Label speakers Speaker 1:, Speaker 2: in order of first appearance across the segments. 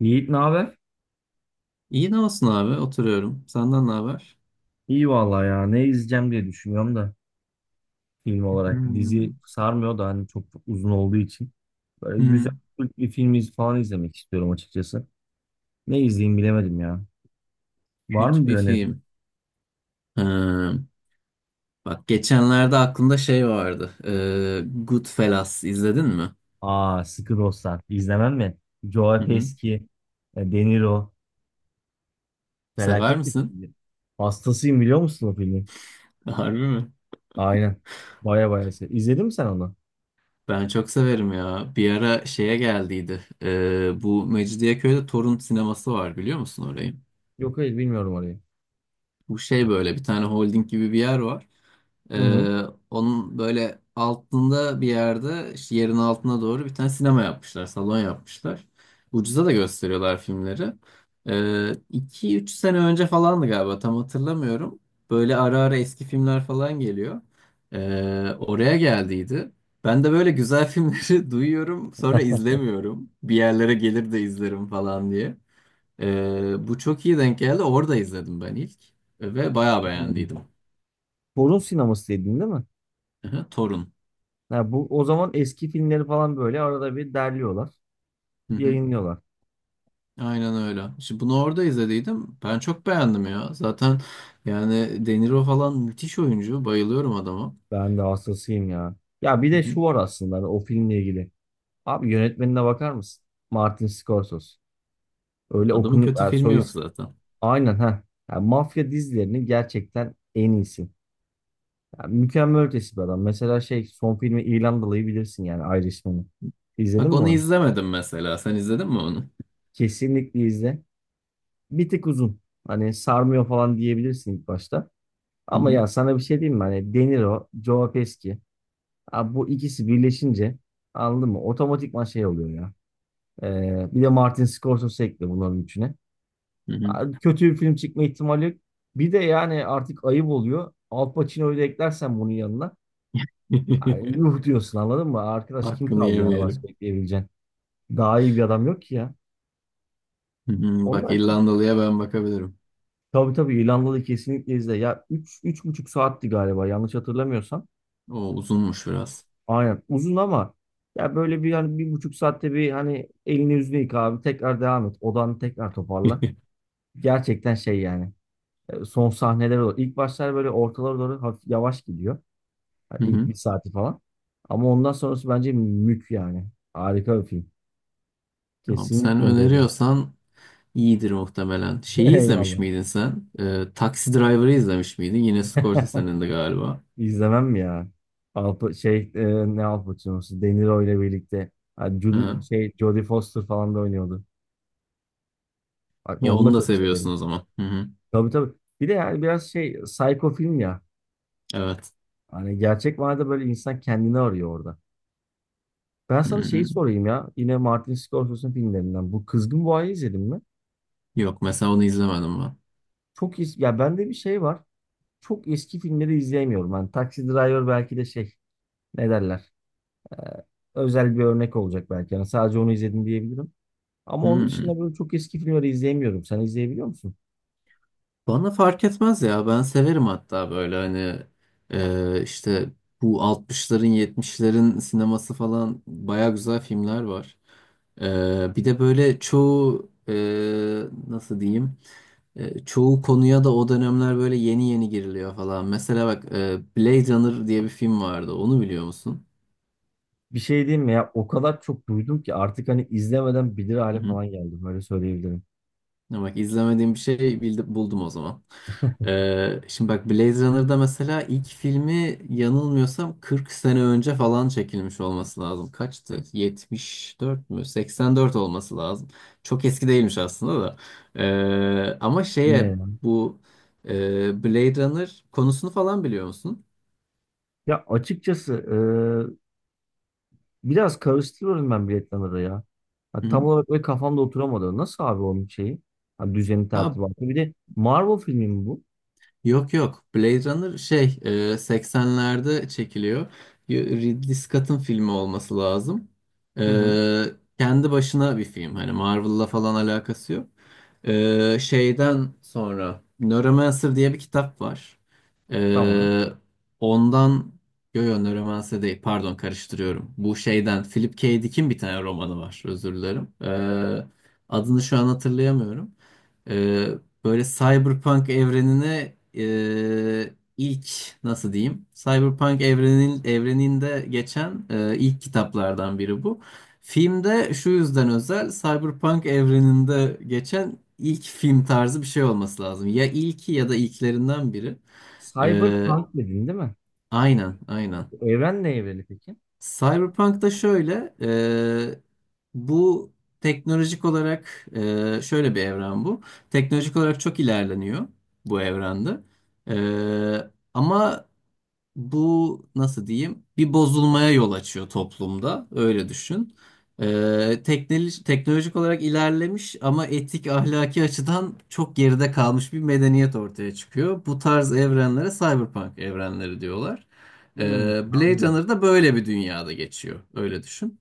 Speaker 1: Yiğit ne haber?
Speaker 2: İyi ne olsun abi oturuyorum. Senden ne haber?
Speaker 1: İyi vallahi ya. Ne izleyeceğim diye düşünüyorum da film olarak. Dizi
Speaker 2: Hmm.
Speaker 1: sarmıyor da hani çok uzun olduğu için. Böyle güzel
Speaker 2: Hmm.
Speaker 1: Türk bir film falan izlemek istiyorum açıkçası. Ne izleyeyim bilemedim ya. Var
Speaker 2: Kötü
Speaker 1: mı bir
Speaker 2: bir
Speaker 1: öneri?
Speaker 2: film. Ha, bak geçenlerde aklımda şey vardı. Goodfellas izledin mi?
Speaker 1: Aa, Sıkı Dostlar. İzlemem mi? Joe
Speaker 2: Hı hı.
Speaker 1: Pesci, De Niro.
Speaker 2: Sever
Speaker 1: Felaket bir
Speaker 2: misin?
Speaker 1: filmdi. Hastasıyım biliyor musun o filmi?
Speaker 2: Harbi mi?
Speaker 1: Aynen. Baya baya. İzledin mi sen onu?
Speaker 2: Ben çok severim ya. Bir ara şeye geldiydi. Bu Mecidiyeköy'de Torun sineması var, biliyor musun orayı?
Speaker 1: Yok, hayır, bilmiyorum orayı.
Speaker 2: Bu şey böyle bir tane holding gibi bir yer var.
Speaker 1: Hı hı.
Speaker 2: Ee, Onun böyle altında bir yerde işte yerin altına doğru bir tane sinema yapmışlar, salon yapmışlar. Ucuza da gösteriyorlar filmleri. 2-3 sene önce falandı galiba, tam hatırlamıyorum. Böyle ara ara eski filmler falan geliyor. Oraya geldiydi. Ben de böyle güzel filmleri duyuyorum sonra izlemiyorum. Bir yerlere gelir de izlerim falan diye. Bu çok iyi denk geldi. Orada izledim ben ilk. Ve bayağı
Speaker 1: Hı.
Speaker 2: beğendiydim.
Speaker 1: Torun sineması dedin değil mi?
Speaker 2: Hı hı, Torun.
Speaker 1: Ha, bu o zaman eski filmleri falan böyle arada bir derliyorlar,
Speaker 2: Hı hı.
Speaker 1: yayınlıyorlar.
Speaker 2: Aynen öyle. İşte bunu orada izlediydim. Ben çok beğendim ya. Zaten yani De Niro falan müthiş oyuncu. Bayılıyorum adama.
Speaker 1: Ben de hastasıyım ya. Ya bir
Speaker 2: Hı
Speaker 1: de
Speaker 2: hı.
Speaker 1: şu var aslında hani o filmle ilgili. Abi yönetmenine bakar mısın? Martin Scorsese. Öyle
Speaker 2: Adamın
Speaker 1: okunu
Speaker 2: kötü
Speaker 1: yani
Speaker 2: filmi yok zaten.
Speaker 1: aynen ha. Yani mafya dizilerinin gerçekten en iyisi. Yani mükemmel ötesi bir adam. Mesela şey son filmi İrlandalı'yı bilirsin yani Irishman'ı. İzledin
Speaker 2: Bak
Speaker 1: mi
Speaker 2: onu
Speaker 1: onu?
Speaker 2: izlemedim mesela. Sen izledin mi onu?
Speaker 1: Kesinlikle izle. Bir tık uzun. Hani sarmıyor falan diyebilirsin ilk başta.
Speaker 2: Hı
Speaker 1: Ama
Speaker 2: hı.
Speaker 1: ya sana bir şey diyeyim mi? Hani De Niro, Joe Pesci. Abi bu ikisi birleşince anladın mı? Otomatikman şey oluyor ya. Bir de Martin Scorsese ekle bunların üçüne.
Speaker 2: Hı hı.
Speaker 1: Abi kötü bir film çıkma ihtimali yok. Bir de yani artık ayıp oluyor. Al Pacino'yu da eklersen bunun yanına. Ay, yuh diyorsun anladın mı? Arkadaş kim
Speaker 2: Hakkını
Speaker 1: kaldı yani başka
Speaker 2: yemeyelim.
Speaker 1: ekleyebileceğin? Daha iyi bir adam yok ki ya.
Speaker 2: Hı hı. Bak,
Speaker 1: Onlar çok...
Speaker 2: İrlandalı'ya ben bakabilirim.
Speaker 1: Tabii tabii, İrlandalı kesinlikle izle. Ya 3,5 saatti galiba yanlış hatırlamıyorsam.
Speaker 2: O uzunmuş biraz.
Speaker 1: Aynen uzun ama ya böyle bir hani 1,5 saatte bir hani elini yüzünü yıka abi, tekrar devam et, odanı tekrar toparla. Gerçekten şey yani son sahneler olur. İlk başlar böyle ortalara doğru hafif yavaş gidiyor. Yani
Speaker 2: Hı
Speaker 1: ilk
Speaker 2: hı.
Speaker 1: bir saati falan. Ama ondan sonrası bence yani. Harika bir film.
Speaker 2: Tamam, sen
Speaker 1: Kesinlikle öyle oldu.
Speaker 2: öneriyorsan iyidir muhtemelen. Şeyi izlemiş
Speaker 1: Eyvallah.
Speaker 2: miydin sen? Taxi Driver'ı izlemiş miydin? Yine Scorsese'nin de galiba.
Speaker 1: İzlemem mi ya? Alpa, şey e, ne Al Pacino'su? De Niro ile birlikte. Hani
Speaker 2: Hı hı.
Speaker 1: Jodie Foster falan da oynuyordu. Bak
Speaker 2: Ya
Speaker 1: onu da
Speaker 2: onu da
Speaker 1: çok
Speaker 2: seviyorsun
Speaker 1: severim.
Speaker 2: o zaman. Hı hı.
Speaker 1: Tabii tabii. Bir de yani biraz şey psycho film ya.
Speaker 2: Evet.
Speaker 1: Hani gerçek manada böyle insan kendini arıyor orada. Ben
Speaker 2: Hı
Speaker 1: sana şeyi
Speaker 2: hı.
Speaker 1: sorayım ya. Yine Martin Scorsese'nin filmlerinden. Bu Kızgın Boğa'yı izledin mi?
Speaker 2: Yok, mesela onu izlemedim ben.
Speaker 1: Çok eski. Ya bende bir şey var. Çok eski filmleri izleyemiyorum. Hani Taxi Driver belki de şey ne derler. Ee, Özel bir örnek olacak belki. Yani sadece onu izledim diyebilirim.
Speaker 2: Hı
Speaker 1: Ama onun
Speaker 2: hı.
Speaker 1: dışında böyle çok eski filmleri izleyemiyorum. Sen izleyebiliyor musun?
Speaker 2: Bana fark etmez ya. Ben severim hatta, böyle hani işte bu 60'ların, 70'lerin sineması falan baya güzel filmler var. Bir de böyle çoğu nasıl diyeyim? Çoğu konuya da o dönemler böyle yeni yeni giriliyor falan. Mesela bak, Blade Runner diye bir film vardı. Onu biliyor musun?
Speaker 1: Bir şey diyeyim mi ya? O kadar çok duydum ki artık hani izlemeden bilir
Speaker 2: Hı
Speaker 1: hale
Speaker 2: hı.
Speaker 1: falan geldim. Öyle söyleyebilirim.
Speaker 2: Ya bak, izlemediğim bir şey bildi, buldum o zaman. Şimdi bak, Blade Runner'da mesela ilk filmi, yanılmıyorsam 40 sene önce falan çekilmiş olması lazım. Kaçtı? 74 mü? 84 olması lazım. Çok eski değilmiş aslında da. Ama şeye,
Speaker 1: Yine
Speaker 2: bu Blade Runner konusunu falan biliyor musun?
Speaker 1: Ya açıkçası biraz karıştırıyorum ben biletleri ya. Ha, tam
Speaker 2: Hı-hı.
Speaker 1: olarak böyle kafamda oturamadı. Nasıl abi onun şeyi? Ha, düzeni tertibatı. Bir de Marvel filmi mi bu?
Speaker 2: Yok yok. Blade Runner şey 80'lerde çekiliyor. Ridley Scott'ın filmi olması lazım.
Speaker 1: Hı hı.
Speaker 2: E, Kendi başına bir film. Hani Marvel'la falan alakası yok. Şeyden sonra Neuromancer diye bir kitap var.
Speaker 1: Tamam.
Speaker 2: E, ondan Yo yo, Neuromancer değil, pardon, karıştırıyorum. Bu şeyden, Philip K. Dick'in bir tane romanı var, özür dilerim. Adını şu an hatırlayamıyorum. Ee, Böyle Cyberpunk evrenine ilk, nasıl diyeyim? Cyberpunk evreninde geçen ilk kitaplardan biri bu. Filmde şu yüzden özel, Cyberpunk evreninde geçen ilk film tarzı bir şey olması lazım. Ya ilki ya da ilklerinden biri. Ee,
Speaker 1: Cyberpunk dedin değil mi?
Speaker 2: aynen, aynen.
Speaker 1: Bu evren ne evreni peki?
Speaker 2: Cyberpunk'ta şöyle, bu teknolojik olarak şöyle bir evren bu. Teknolojik olarak çok ilerleniyor bu evrende. Ama bu, nasıl diyeyim, bir bozulmaya yol açıyor toplumda, öyle düşün. Teknolojik olarak ilerlemiş ama etik ahlaki açıdan çok geride kalmış bir medeniyet ortaya çıkıyor. Bu tarz evrenlere cyberpunk evrenleri diyorlar.
Speaker 1: Hmm,
Speaker 2: Blade
Speaker 1: anladım.
Speaker 2: Runner da böyle bir dünyada geçiyor, öyle düşün.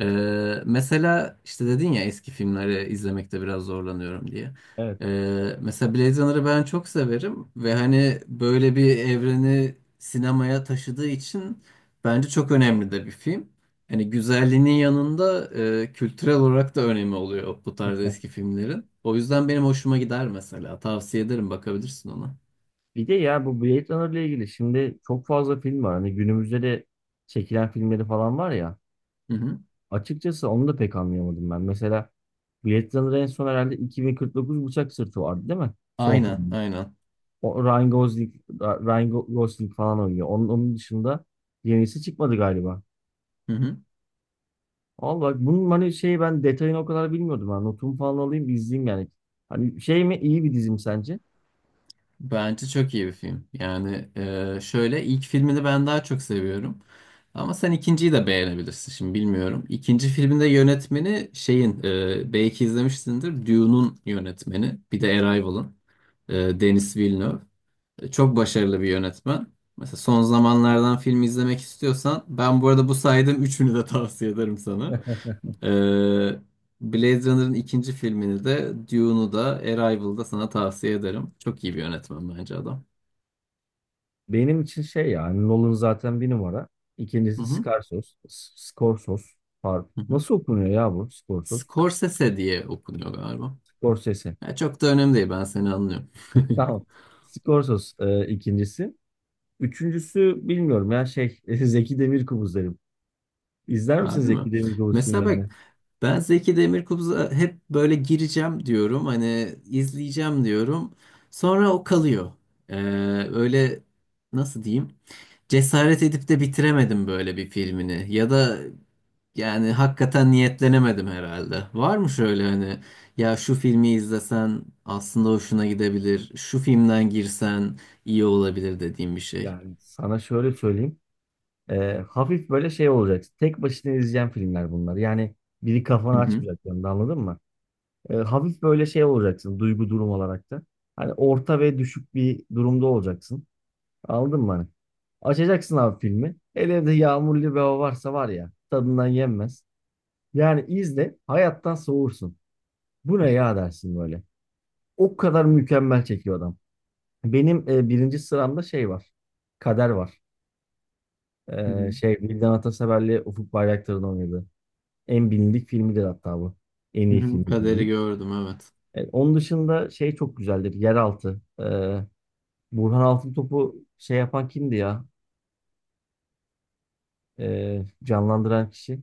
Speaker 2: Mesela işte dedin ya eski filmleri izlemekte biraz zorlanıyorum diye.
Speaker 1: Evet.
Speaker 2: Mesela Blade Runner'ı ben çok severim ve hani böyle bir evreni sinemaya taşıdığı için bence çok önemli de bir film. Hani güzelliğinin yanında kültürel olarak da önemi oluyor bu tarz eski filmlerin. O yüzden benim hoşuma gider mesela. Tavsiye ederim, bakabilirsin ona.
Speaker 1: Bir de ya bu Blade Runner ile ilgili şimdi çok fazla film var. Hani günümüzde de çekilen filmleri falan var ya.
Speaker 2: Hı hı.
Speaker 1: Açıkçası onu da pek anlayamadım ben. Mesela Blade Runner en son herhalde 2049 Bıçak Sırtı vardı değil mi? Son
Speaker 2: Aynen,
Speaker 1: film.
Speaker 2: aynen.
Speaker 1: O Ryan Gosling falan oynuyor. Onun dışında yenisi çıkmadı galiba.
Speaker 2: Hı hı.
Speaker 1: Al bak bunun hani şey ben detayını o kadar bilmiyordum. Ha. Notumu falan alayım bir izleyeyim yani. Hani şey mi iyi bir dizim sence?
Speaker 2: Bence çok iyi bir film. Yani şöyle, ilk filmini ben daha çok seviyorum. Ama sen ikinciyi de beğenebilirsin, şimdi bilmiyorum. İkinci filminde yönetmeni şeyin, belki izlemişsindir, Dune'un yönetmeni. Bir de Arrival'ın Denis Villeneuve. Çok başarılı bir yönetmen. Mesela son zamanlardan film izlemek istiyorsan, ben bu arada bu saydığım üçünü de tavsiye ederim sana. Ee, Blade Runner'ın ikinci filmini de, Dune'u da, Arrival'da sana tavsiye ederim. Çok iyi bir yönetmen bence adam.
Speaker 1: Benim için şey yani Nolan zaten bir numara.
Speaker 2: Hı
Speaker 1: İkincisi
Speaker 2: hı,
Speaker 1: Scarsos. Scorsos. Pardon.
Speaker 2: hı hı.
Speaker 1: Nasıl okunuyor ya bu? Scorsos.
Speaker 2: Scorsese diye okunuyor galiba.
Speaker 1: Scorsese.
Speaker 2: Ya çok da önemli değil, ben seni anlıyorum.
Speaker 1: Tamam. Scorsos, ikincisi. Üçüncüsü bilmiyorum ya şey Zeki Demirkubuz derim. İzler misin
Speaker 2: Harbi mi?
Speaker 1: Zeki Demirkubuz
Speaker 2: Mesela
Speaker 1: filmlerini?
Speaker 2: bak, ben Zeki Demirkubuz'a hep böyle gireceğim diyorum. Hani izleyeceğim diyorum. Sonra o kalıyor. Ee, Öyle, nasıl diyeyim? Cesaret edip de bitiremedim böyle bir filmini. Ya da yani hakikaten niyetlenemedim herhalde. Var mı şöyle hani, ya şu filmi izlesen aslında hoşuna gidebilir, şu filmden girsen iyi olabilir dediğim bir şey.
Speaker 1: Yani sana şöyle söyleyeyim. Hafif böyle şey olacak. Tek başına izleyeceğim filmler bunlar. Yani biri kafanı
Speaker 2: Hı hı.
Speaker 1: açmayacak yanında, anladın mı? Hafif böyle şey olacaksın, duygu durum olarak da. Hani orta ve düşük bir durumda olacaksın. Anladın mı? Hani? Açacaksın abi filmi. Hele de yağmurlu bir hava varsa var ya, tadından yenmez. Yani izle, hayattan soğursun. Bu ne ya dersin böyle. O kadar mükemmel çekiyor adam. Benim birinci sıramda şey var. Kader var.
Speaker 2: Hı hı.
Speaker 1: Şey Vildan Atasever'le Ufuk Bayraktar'ın oynadığı. En bilindik filmidir hatta bu. En
Speaker 2: Hı
Speaker 1: iyi
Speaker 2: hı.
Speaker 1: filmidir
Speaker 2: Kaderi
Speaker 1: diyeyim.
Speaker 2: gördüm, evet.
Speaker 1: Onun dışında şey çok güzeldir. Yeraltı. Burhan Altıntop'u şey yapan kimdi ya? Canlandıran kişi.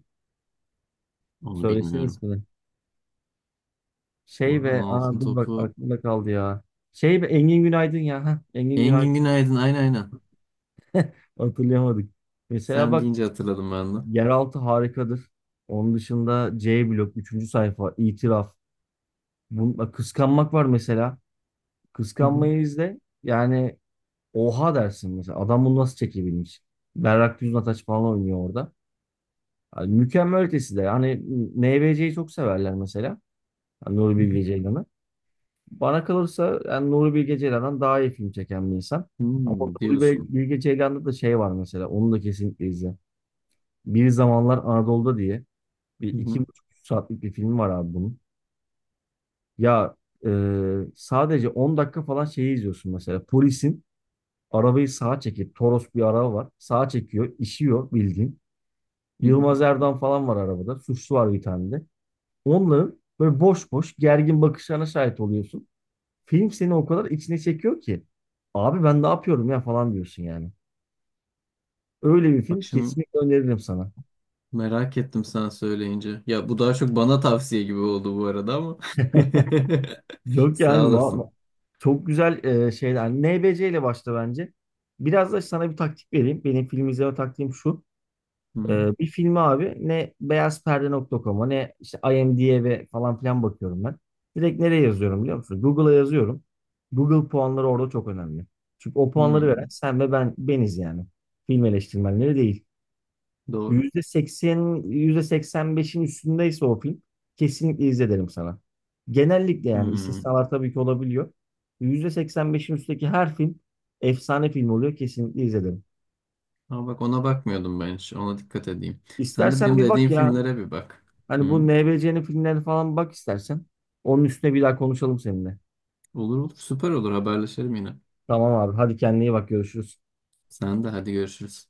Speaker 2: Onu
Speaker 1: Söylesene
Speaker 2: bilmiyorum.
Speaker 1: ismini. Şey
Speaker 2: Burhan
Speaker 1: ve aa, dur bak
Speaker 2: Altıntop'u.
Speaker 1: aklımda kaldı ya. Şey ve Engin Günaydın ya. Heh, Engin Günaydın.
Speaker 2: Engin Günaydın. Aynen aynen.
Speaker 1: Hatırlayamadık. Mesela
Speaker 2: Sen
Speaker 1: bak,
Speaker 2: deyince hatırladım ben de.
Speaker 1: Yeraltı harikadır. Onun dışında C blok, üçüncü sayfa, itiraf. Bununla kıskanmak var mesela.
Speaker 2: Hı hı,
Speaker 1: Kıskanmayı izle. Yani oha dersin mesela. Adam bunu nasıl çekebilmiş? Berrak Düznataç falan oynuyor orada. Yani mükemmel ötesi de. Hani NBC'yi çok severler mesela. Yani Nuri
Speaker 2: hı hı.
Speaker 1: Bilge Ceylan'ı. Bana kalırsa yani Nuri Bilge Ceylan'dan daha iyi film çeken bir insan. Ama
Speaker 2: Hmm,
Speaker 1: Nuri
Speaker 2: diyorsun.
Speaker 1: Bilge Ceylan'da da şey var mesela. Onu da kesinlikle izle. Bir Zamanlar Anadolu'da diye bir
Speaker 2: Hı
Speaker 1: iki
Speaker 2: hı,
Speaker 1: buçuk üç saatlik bir film var abi bunun. Ya e, sadece 10 dakika falan şeyi izliyorsun mesela. Polisin arabayı sağa çekip, Toros bir araba var. Sağa çekiyor, işiyor bildiğin.
Speaker 2: hı hı.
Speaker 1: Yılmaz Erdoğan falan var arabada. Suçlu var bir tane de. Onların böyle boş boş gergin bakışlarına şahit oluyorsun. Film seni o kadar içine çekiyor ki. Abi ben ne yapıyorum ya falan diyorsun yani. Öyle bir film,
Speaker 2: Bak şimdi,
Speaker 1: kesinlikle öneririm sana.
Speaker 2: merak ettim sen söyleyince. Ya bu daha çok bana tavsiye gibi oldu bu arada ama.
Speaker 1: Yok
Speaker 2: Sağ
Speaker 1: yani,
Speaker 2: olasın.
Speaker 1: çok güzel şeyler. NBC ile başla bence. Biraz da sana bir taktik vereyim. Benim film izleme taktiğim şu.
Speaker 2: Hı hı,
Speaker 1: Bir filmi abi ne beyazperde.com'a ne işte IMDb'ye falan filan bakıyorum ben. Direkt nereye yazıyorum biliyor musun? Google'a yazıyorum. Google puanları orada çok önemli. Çünkü o puanları veren
Speaker 2: hı.
Speaker 1: sen ve ben beniz yani. Film eleştirmenleri değil.
Speaker 2: Doğru.
Speaker 1: %80, %85'in üstündeyse o film kesinlikle izle derim sana. Genellikle yani,
Speaker 2: Hı.
Speaker 1: istisnalar tabii ki olabiliyor. %85'in üstteki her film efsane film oluyor, kesinlikle izledim.
Speaker 2: Ama bak, ona bakmıyordum ben hiç. Ona dikkat edeyim. Sen de
Speaker 1: İstersen
Speaker 2: benim
Speaker 1: bir bak
Speaker 2: dediğim
Speaker 1: ya.
Speaker 2: filmlere bir bak.
Speaker 1: Hani
Speaker 2: Hı.
Speaker 1: bu NBC'nin filmlerine falan bak istersen. Onun üstüne bir daha konuşalım seninle.
Speaker 2: Olur olur. Süper olur. Haberleşelim yine.
Speaker 1: Tamam abi. Hadi kendine iyi bak. Görüşürüz.
Speaker 2: Sen de hadi, görüşürüz.